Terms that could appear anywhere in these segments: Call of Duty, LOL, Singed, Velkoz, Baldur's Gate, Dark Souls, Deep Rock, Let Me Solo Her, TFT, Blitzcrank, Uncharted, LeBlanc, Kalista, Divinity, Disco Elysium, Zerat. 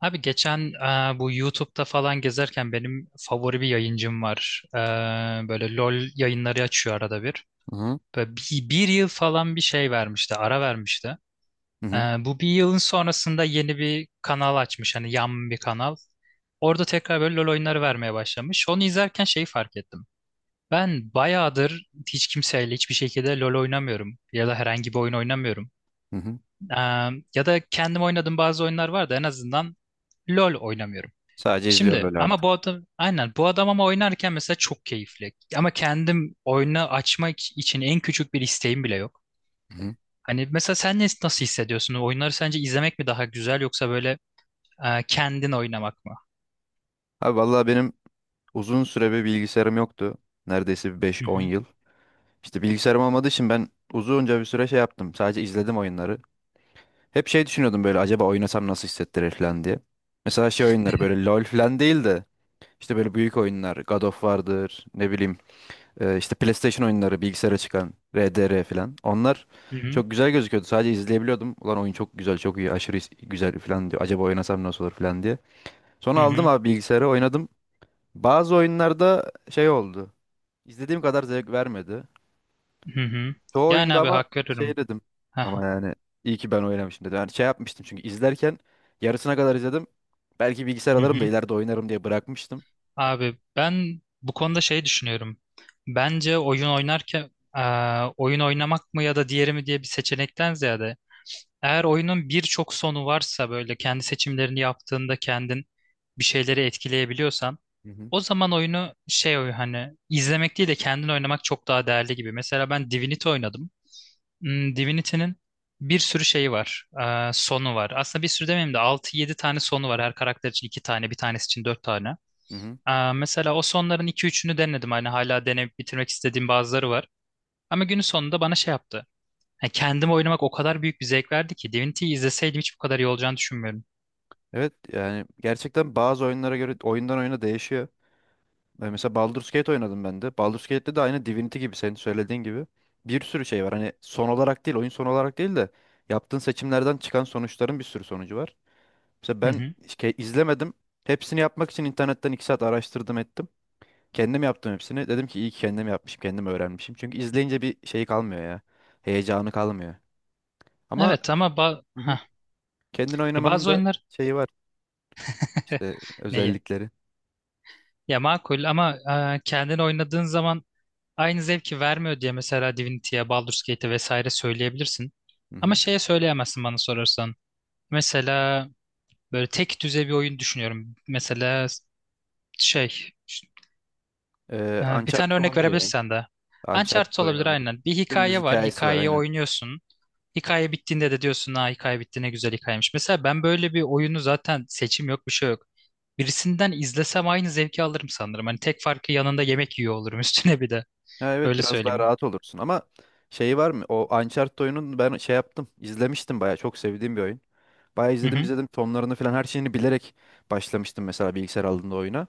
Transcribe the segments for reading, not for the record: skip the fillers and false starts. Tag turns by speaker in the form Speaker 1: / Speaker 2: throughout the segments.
Speaker 1: Abi geçen bu YouTube'da falan gezerken benim favori bir yayıncım var. Böyle LOL yayınları açıyor arada bir.
Speaker 2: Hı hı.
Speaker 1: Böyle bir yıl falan bir şey vermişti, ara vermişti.
Speaker 2: Hı
Speaker 1: E,
Speaker 2: hı.
Speaker 1: Bu bir yılın sonrasında yeni bir kanal açmış, hani yan bir kanal. Orada tekrar böyle LOL oyunları vermeye başlamış. Onu izlerken şeyi fark ettim. Ben bayağıdır hiç kimseyle hiçbir şekilde LOL oynamıyorum ya da herhangi bir oyun oynamıyorum.
Speaker 2: Hı hı.
Speaker 1: E, Ya da kendim oynadığım bazı oyunlar var da en azından LOL oynamıyorum.
Speaker 2: Sadece izliyorum
Speaker 1: Şimdi
Speaker 2: öyle
Speaker 1: ama
Speaker 2: artık.
Speaker 1: bu adam aynen bu adam ama oynarken mesela çok keyifli. Ama kendim oyunu açmak için en küçük bir isteğim bile yok.
Speaker 2: Hı hı.
Speaker 1: Hani mesela sen nasıl hissediyorsun? Oyunları sence izlemek mi daha güzel yoksa böyle kendin oynamak mı?
Speaker 2: Abi vallahi benim uzun süre bir bilgisayarım yoktu. Neredeyse bir beş
Speaker 1: Hı
Speaker 2: on
Speaker 1: hı.
Speaker 2: yıl. İşte bilgisayarım olmadığı için ben uzunca bir süre şey yaptım. Sadece izledim oyunları. Hep şey düşünüyordum böyle acaba oynasam nasıl hissettirir falan diye. Mesela şey oyunları böyle LoL falan değil de işte böyle büyük oyunlar. God of War'dır ne bileyim, işte PlayStation oyunları bilgisayara çıkan RDR falan. Onlar
Speaker 1: Hı hı.
Speaker 2: çok güzel gözüküyordu. Sadece izleyebiliyordum. Ulan oyun çok güzel, çok iyi, aşırı güzel falan diyor. Acaba oynasam nasıl olur falan diye. Sonra
Speaker 1: Hı
Speaker 2: aldım
Speaker 1: hı.
Speaker 2: abi bilgisayarı, oynadım. Bazı oyunlarda şey oldu. İzlediğim kadar zevk vermedi.
Speaker 1: Hı hı.
Speaker 2: Çoğu
Speaker 1: Yani
Speaker 2: oyunda
Speaker 1: abi
Speaker 2: ama
Speaker 1: hak
Speaker 2: şey
Speaker 1: veririm.
Speaker 2: dedim. Ama
Speaker 1: Aha.
Speaker 2: yani iyi ki ben oynamışım dedim. Yani şey yapmıştım çünkü izlerken yarısına kadar izledim. Belki bilgisayar
Speaker 1: Hı
Speaker 2: alırım da
Speaker 1: hı.
Speaker 2: ileride oynarım diye bırakmıştım.
Speaker 1: Abi ben bu konuda şey düşünüyorum. Bence oyun oynarken e, oyun oynamak mı ya da diğeri mi diye bir seçenekten ziyade eğer oyunun birçok sonu varsa böyle kendi seçimlerini yaptığında kendin bir şeyleri etkileyebiliyorsan
Speaker 2: Hı hı.
Speaker 1: o zaman oyunu hani izlemek değil de kendin oynamak çok daha değerli gibi. Mesela ben Divinity oynadım. Hmm, Divinity'nin bir sürü şeyi var. Sonu var. Aslında bir sürü demeyeyim de altı yedi tane sonu var. Her karakter için 2 tane, bir tanesi için 4 tane.
Speaker 2: Hı hı.
Speaker 1: Mesela o sonların iki üçünü denedim. Hani hala deneyip bitirmek istediğim bazıları var. Ama günün sonunda bana şey yaptı. Yani kendim oynamak o kadar büyük bir zevk verdi ki Divinity'yi izleseydim hiç bu kadar iyi olacağını düşünmüyorum.
Speaker 2: Evet yani gerçekten bazı oyunlara göre, oyundan oyuna değişiyor. Ben mesela Baldur's Gate oynadım ben de. Baldur's Gate'de de aynı Divinity gibi, senin söylediğin gibi bir sürü şey var. Hani son olarak değil, oyun son olarak değil de yaptığın seçimlerden çıkan sonuçların bir sürü sonucu var. Mesela
Speaker 1: Hı
Speaker 2: ben
Speaker 1: hı.
Speaker 2: hiç izlemedim. Hepsini yapmak için internetten 2 saat araştırdım ettim. Kendim yaptım hepsini. Dedim ki iyi ki kendim yapmışım, kendim öğrenmişim. Çünkü izleyince bir şey kalmıyor ya. Heyecanı kalmıyor. Ama
Speaker 1: Evet ama
Speaker 2: hı hı,
Speaker 1: hah.
Speaker 2: kendin oynamanın
Speaker 1: Bazı
Speaker 2: da
Speaker 1: oyunlar
Speaker 2: şeyi var. İşte
Speaker 1: neyi?
Speaker 2: özellikleri.
Speaker 1: Ya makul ama kendin oynadığın zaman aynı zevki vermiyor diye mesela Divinity'ye, Baldur's Gate'e vesaire söyleyebilirsin. Ama şeye söyleyemezsin bana sorarsan. Mesela böyle tek düze bir oyun düşünüyorum. Mesela şey bir tane
Speaker 2: Uncharted
Speaker 1: örnek
Speaker 2: olabilir ya.
Speaker 1: verebilirsen de. Uncharted
Speaker 2: Uncharted oyunu
Speaker 1: olabilir
Speaker 2: olabilir.
Speaker 1: aynen. Bir
Speaker 2: Dümdüz
Speaker 1: hikaye var.
Speaker 2: hikayesi var
Speaker 1: Hikayeyi
Speaker 2: aynen.
Speaker 1: oynuyorsun. Hikaye bittiğinde de diyorsun ha hikaye bitti ne güzel hikayemiş. Mesela ben böyle bir oyunu zaten seçim yok bir şey yok. Birisinden izlesem aynı zevki alırım sanırım. Hani tek farkı yanında yemek yiyor olurum üstüne bir de.
Speaker 2: Ha, evet
Speaker 1: Öyle
Speaker 2: biraz daha
Speaker 1: söyleyeyim.
Speaker 2: rahat olursun ama şeyi var mı? O Uncharted oyunun ben şey yaptım. İzlemiştim bayağı. Çok sevdiğim bir oyun. Bayağı
Speaker 1: Hı
Speaker 2: izledim,
Speaker 1: hı,
Speaker 2: izledim. Sonlarını falan, her şeyini bilerek başlamıştım mesela bilgisayar aldığımda oyuna.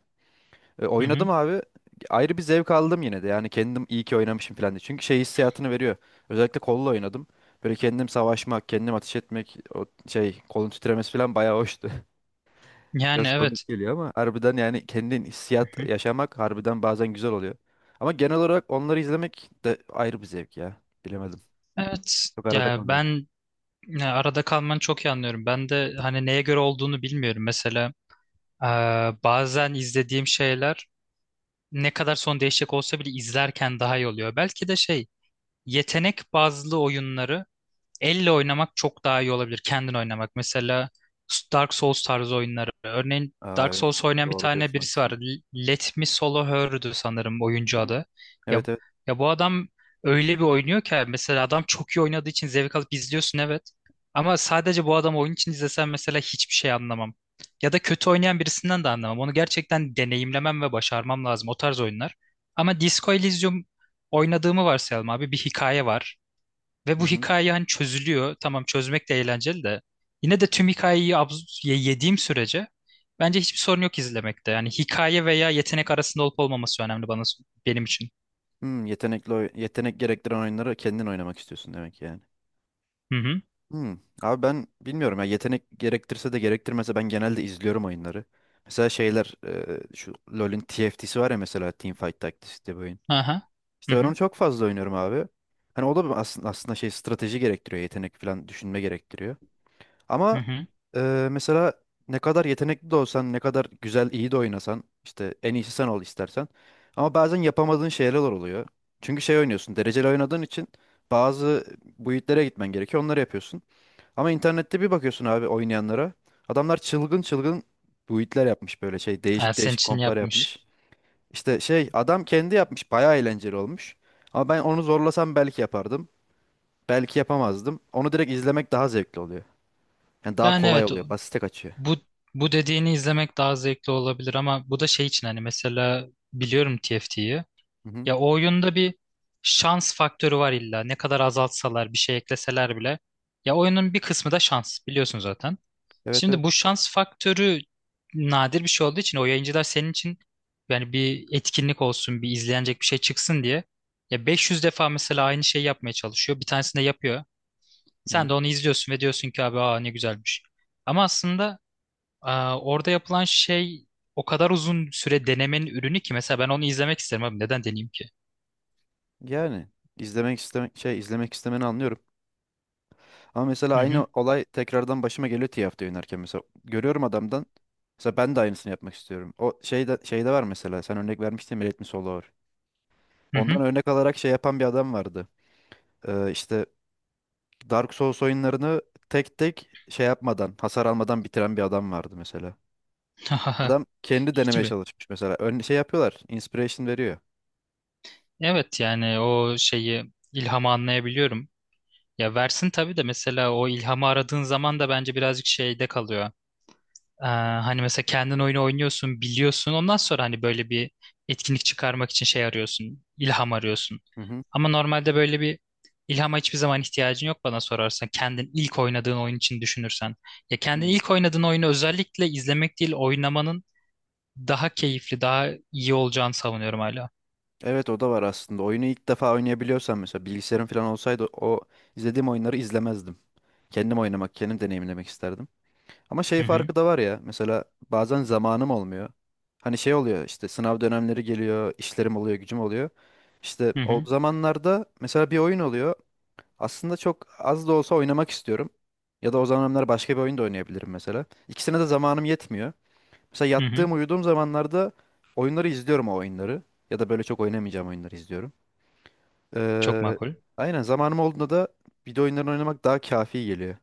Speaker 2: E,
Speaker 1: hı
Speaker 2: oynadım
Speaker 1: hı.
Speaker 2: abi. Ayrı bir zevk aldım yine de. Yani kendim iyi ki oynamışım falan diye. Çünkü şey hissiyatını veriyor. Özellikle kolla oynadım. Böyle kendim savaşmak, kendim ateş etmek, o şey kolun titremesi falan bayağı hoştu.
Speaker 1: Yani
Speaker 2: Biraz
Speaker 1: evet.
Speaker 2: komik geliyor ama harbiden, yani kendin
Speaker 1: Hı
Speaker 2: hissiyat
Speaker 1: hı.
Speaker 2: yaşamak harbiden bazen güzel oluyor. Ama genel olarak onları izlemek de ayrı bir zevk ya. Bilemedim.
Speaker 1: Evet.
Speaker 2: Çok arada
Speaker 1: Ya
Speaker 2: kalıyorum.
Speaker 1: ben Ya arada kalmanı çok iyi anlıyorum. Ben de hani neye göre olduğunu bilmiyorum. Mesela eee, bazen izlediğim şeyler ne kadar son değişecek olsa bile izlerken daha iyi oluyor. Belki de yetenek bazlı oyunları elle oynamak çok daha iyi olabilir. Kendin oynamak. Mesela Dark Souls tarzı oyunları. Örneğin
Speaker 2: Aa,
Speaker 1: Dark
Speaker 2: evet.
Speaker 1: Souls oynayan bir
Speaker 2: Doğru
Speaker 1: tane
Speaker 2: diyorsun
Speaker 1: birisi var.
Speaker 2: aslında.
Speaker 1: Let Me Solo Her'dü sanırım oyuncu
Speaker 2: Hı-hı.
Speaker 1: adı. Ya,
Speaker 2: Evet, evet.
Speaker 1: ya bu adam öyle bir oynuyor ki mesela adam çok iyi oynadığı için zevk alıp izliyorsun evet. Ama sadece bu adam oyun için izlesen mesela hiçbir şey anlamam. Ya da kötü oynayan birisinden de anlamam. Onu gerçekten deneyimlemem ve başarmam lazım o tarz oyunlar. Ama Disco Elysium oynadığımı varsayalım abi. Bir hikaye var. Ve bu
Speaker 2: Hı-hı.
Speaker 1: hikaye hani çözülüyor. Tamam çözmek de eğlenceli de. Yine de tüm hikayeyi yediğim sürece bence hiçbir sorun yok izlemekte. Yani hikaye veya yetenek arasında olup olmaması önemli benim için.
Speaker 2: Hmm, yetenekli yetenek gerektiren oyunları kendin oynamak istiyorsun demek yani.
Speaker 1: Hı hı.
Speaker 2: Hmm. Abi ben bilmiyorum ya, yetenek gerektirse de gerektirmese ben genelde izliyorum oyunları. Mesela şeyler, şu LoL'ün TFT'si var ya, mesela Teamfight Tactics diye bir oyun.
Speaker 1: Aha. Hı
Speaker 2: İşte ben
Speaker 1: hı.
Speaker 2: onu çok fazla oynuyorum abi. Hani o da bir aslında, şey strateji gerektiriyor, yetenek falan, düşünme gerektiriyor.
Speaker 1: Hı
Speaker 2: Ama
Speaker 1: hı.
Speaker 2: mesela ne kadar yetenekli de olsan, ne kadar güzel, iyi de oynasan, işte en iyisi sen ol istersen. Ama bazen yapamadığın şeyler oluyor. Çünkü şey oynuyorsun, dereceli oynadığın için bazı build'lere gitmen gerekiyor, onları yapıyorsun. Ama internette bir bakıyorsun abi oynayanlara. Adamlar çılgın çılgın build'ler yapmış, böyle şey,
Speaker 1: Ha,
Speaker 2: değişik
Speaker 1: senin
Speaker 2: değişik
Speaker 1: için
Speaker 2: komplar
Speaker 1: yapmış.
Speaker 2: yapmış. İşte şey, adam kendi yapmış. Bayağı eğlenceli olmuş. Ama ben onu zorlasam belki yapardım. Belki yapamazdım. Onu direkt izlemek daha zevkli oluyor. Yani daha
Speaker 1: Yani
Speaker 2: kolay
Speaker 1: evet o-
Speaker 2: oluyor. Basite kaçıyor.
Speaker 1: Bu bu dediğini izlemek daha zevkli olabilir ama bu da şey için hani mesela biliyorum TFT'yi.
Speaker 2: Hı hı.
Speaker 1: Ya o oyunda bir şans faktörü var illa. Ne kadar azaltsalar bir şey ekleseler bile. Ya oyunun bir kısmı da şans biliyorsun zaten.
Speaker 2: Evet, evet.
Speaker 1: Şimdi bu şans faktörü nadir bir şey olduğu için o yayıncılar senin için yani bir etkinlik olsun, bir izlenecek bir şey çıksın diye ya 500 defa mesela aynı şeyi yapmaya çalışıyor. Bir tanesini de yapıyor.
Speaker 2: Hı
Speaker 1: Sen
Speaker 2: hı.
Speaker 1: de onu izliyorsun ve diyorsun ki abi aa ne güzelmiş. Ama aslında orada yapılan şey o kadar uzun süre denemenin ürünü ki mesela ben onu izlemek isterim abi neden deneyeyim ki?
Speaker 2: Yani izlemek istemek şey, izlemek istemeni anlıyorum. Ama mesela
Speaker 1: Hı hı
Speaker 2: aynı olay tekrardan başıma geliyor TFT oynarken, mesela görüyorum adamdan. Mesela ben de aynısını yapmak istiyorum. O şeyde, var mesela, sen örnek vermiştin Millet mi Solo var.
Speaker 1: hı hı.
Speaker 2: Ondan örnek alarak şey yapan bir adam vardı. İşte Dark Souls oyunlarını tek tek şey yapmadan, hasar almadan bitiren bir adam vardı mesela. Adam kendi
Speaker 1: Hiç
Speaker 2: denemeye
Speaker 1: mi?
Speaker 2: çalışmış mesela. Ön şey yapıyorlar, inspiration veriyor.
Speaker 1: Evet yani o ilhamı anlayabiliyorum. Ya versin tabii de mesela o ilhamı aradığın zaman da bence birazcık şeyde kalıyor. Hani mesela kendin oyunu oynuyorsun, biliyorsun. Ondan sonra hani böyle bir etkinlik çıkarmak için şey arıyorsun, ilham arıyorsun.
Speaker 2: Hı hı.
Speaker 1: Ama normalde böyle bir ilhama hiçbir zaman ihtiyacın yok bana sorarsan. Kendin ilk oynadığın oyun için düşünürsen. Ya kendin
Speaker 2: Hmm.
Speaker 1: ilk oynadığın oyunu özellikle izlemek değil, oynamanın daha keyifli, daha iyi olacağını savunuyorum hala.
Speaker 2: Evet o da var aslında. Oyunu ilk defa oynayabiliyorsan, mesela bilgisayarım falan olsaydı o izlediğim oyunları izlemezdim. Kendim oynamak, kendim deneyimlemek isterdim. Ama şey
Speaker 1: Hı hı,
Speaker 2: farkı da var ya, mesela bazen zamanım olmuyor. Hani şey oluyor, işte sınav dönemleri geliyor, işlerim oluyor, gücüm oluyor. İşte
Speaker 1: hı
Speaker 2: o
Speaker 1: hı,
Speaker 2: zamanlarda mesela bir oyun oluyor. Aslında çok az da olsa oynamak istiyorum. Ya da o zamanlar başka bir oyun da oynayabilirim mesela. İkisine de zamanım yetmiyor. Mesela
Speaker 1: hı hı.
Speaker 2: yattığım, uyuduğum zamanlarda oyunları izliyorum, o oyunları. Ya da böyle çok oynamayacağım oyunları izliyorum.
Speaker 1: Çok
Speaker 2: Ee,
Speaker 1: makul.
Speaker 2: aynen, zamanım olduğunda da video oyunlarını oynamak daha kafi geliyor.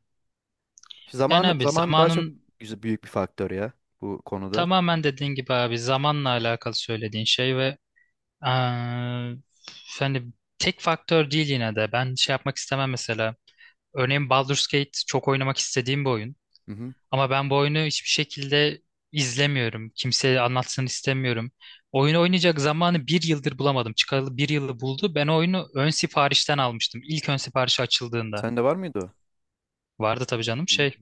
Speaker 1: Yani abi
Speaker 2: Zaman daha çok
Speaker 1: zamanın
Speaker 2: güzel, büyük bir faktör ya bu konuda.
Speaker 1: Tamamen dediğin gibi abi zamanla alakalı söylediğin şey ve eee, hani tek faktör değil yine de. Ben şey yapmak istemem mesela. Örneğin Baldur's Gate çok oynamak istediğim bir oyun.
Speaker 2: Hı hı.
Speaker 1: Ama ben bu oyunu hiçbir şekilde izlemiyorum. Kimseye anlatsın istemiyorum. Oyunu oynayacak zamanı bir yıldır bulamadım. Çıkalı bir yılı buldu. Ben o oyunu ön siparişten almıştım. İlk ön siparişi açıldığında.
Speaker 2: Sende var mıydı o?
Speaker 1: Vardı tabii canım
Speaker 2: Hı.
Speaker 1: şey.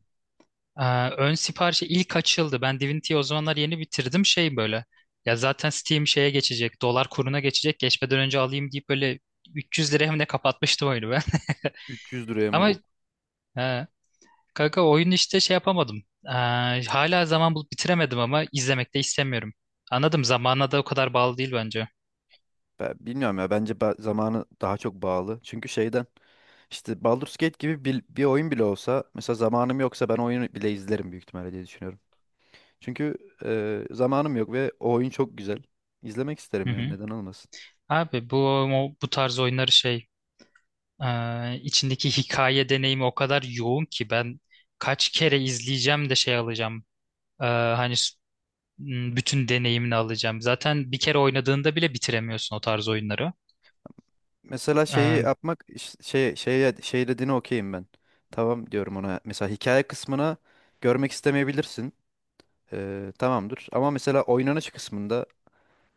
Speaker 1: Ee, Ön siparişi ilk açıldı. Ben Divinity'yi o zamanlar yeni bitirdim şey böyle. Ya zaten Steam şeye geçecek, dolar kuruna geçecek. Geçmeden önce alayım deyip böyle 300 liraya mı ne kapatmıştım oyunu ben.
Speaker 2: 300 liraya
Speaker 1: Ama
Speaker 2: mı?
Speaker 1: e, kanka oyun işte şey yapamadım. Hala zaman bulup bitiremedim ama izlemek de istemiyorum. Anladım zamana da o kadar bağlı değil bence.
Speaker 2: Ben bilmiyorum ya, bence zamanı daha çok bağlı. Çünkü şeyden, işte Baldur's Gate gibi bir oyun bile olsa mesela zamanım yoksa ben oyunu bile izlerim büyük ihtimalle diye düşünüyorum. Çünkü zamanım yok ve o oyun çok güzel. İzlemek
Speaker 1: Hı
Speaker 2: isterim yani,
Speaker 1: hı.
Speaker 2: neden olmasın.
Speaker 1: Abi bu tarz oyunları içindeki hikaye deneyimi o kadar yoğun ki ben kaç kere izleyeceğim de şey alacağım. E, hani s- bütün deneyimini alacağım. Zaten bir kere oynadığında bile bitiremiyorsun o tarz oyunları.
Speaker 2: Mesela şeyi
Speaker 1: E,
Speaker 2: yapmak şey, şeye şey dediğine okeyim ben. Tamam diyorum ona. Mesela hikaye kısmına görmek istemeyebilirsin. E, tamamdır. Ama mesela oynanış kısmında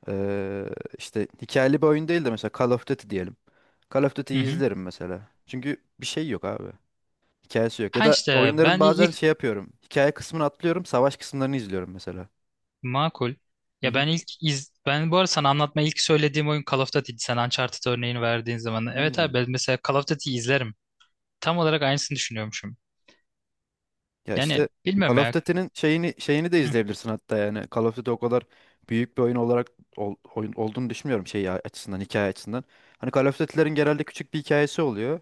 Speaker 2: Ee, işte hikayeli bir oyun değil de mesela Call of Duty diyelim. Call of
Speaker 1: hı
Speaker 2: Duty'yi
Speaker 1: hı.
Speaker 2: izlerim mesela. Çünkü bir şey yok abi. Hikayesi yok. Ya
Speaker 1: Ha
Speaker 2: da
Speaker 1: işte
Speaker 2: oyunların
Speaker 1: ben
Speaker 2: bazen
Speaker 1: ilk
Speaker 2: şey yapıyorum. Hikaye kısmını atlıyorum, savaş kısımlarını izliyorum mesela.
Speaker 1: Makul.
Speaker 2: Hı
Speaker 1: Ya
Speaker 2: hı.
Speaker 1: ben ilk iz Ben bu arada sana anlatma ilk söylediğim oyun Call of Duty'di. Sen Uncharted örneğini verdiğin zaman. Evet
Speaker 2: Hmm.
Speaker 1: abi ben mesela Call of Duty'yi izlerim. Tam olarak aynısını düşünüyormuşum.
Speaker 2: Ya işte
Speaker 1: Yani
Speaker 2: Call
Speaker 1: bilmiyorum
Speaker 2: of
Speaker 1: ya.
Speaker 2: Duty'nin şeyini, de
Speaker 1: Hı
Speaker 2: izleyebilirsin hatta yani. Call of Duty o kadar büyük bir oyun olarak oyun olduğunu düşünmüyorum şey açısından, hikaye açısından. Hani Call of Duty'lerin genelde küçük bir hikayesi oluyor.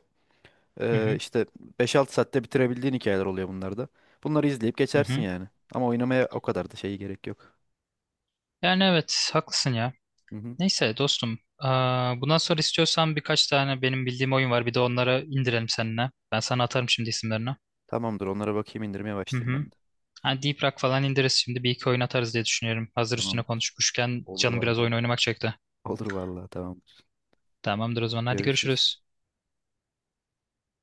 Speaker 1: hı hı.
Speaker 2: İşte 5-6 saatte bitirebildiğin hikayeler oluyor bunlarda. Bunları izleyip geçersin
Speaker 1: Hı.
Speaker 2: yani. Ama oynamaya o kadar da şeyi gerek yok.
Speaker 1: Yani evet haklısın ya.
Speaker 2: Hı hı.
Speaker 1: Neyse dostum. Aa, bundan sonra istiyorsan birkaç tane benim bildiğim oyun var. Bir de onlara indirelim seninle. Ben sana atarım şimdi isimlerini.
Speaker 2: Tamamdır, onlara bakayım, indirmeye
Speaker 1: Hı
Speaker 2: başlayayım ben
Speaker 1: hı.
Speaker 2: de.
Speaker 1: Ha, Deep Rock falan indiririz şimdi. Bir iki oyun atarız diye düşünüyorum. Hazır üstüne
Speaker 2: Tamamdır.
Speaker 1: konuşmuşken
Speaker 2: Olur
Speaker 1: canım biraz
Speaker 2: vallahi.
Speaker 1: oyun oynamak çekti.
Speaker 2: Olur vallahi, tamamdır.
Speaker 1: Tamamdır o zaman. Hadi
Speaker 2: Görüşürüz.
Speaker 1: görüşürüz.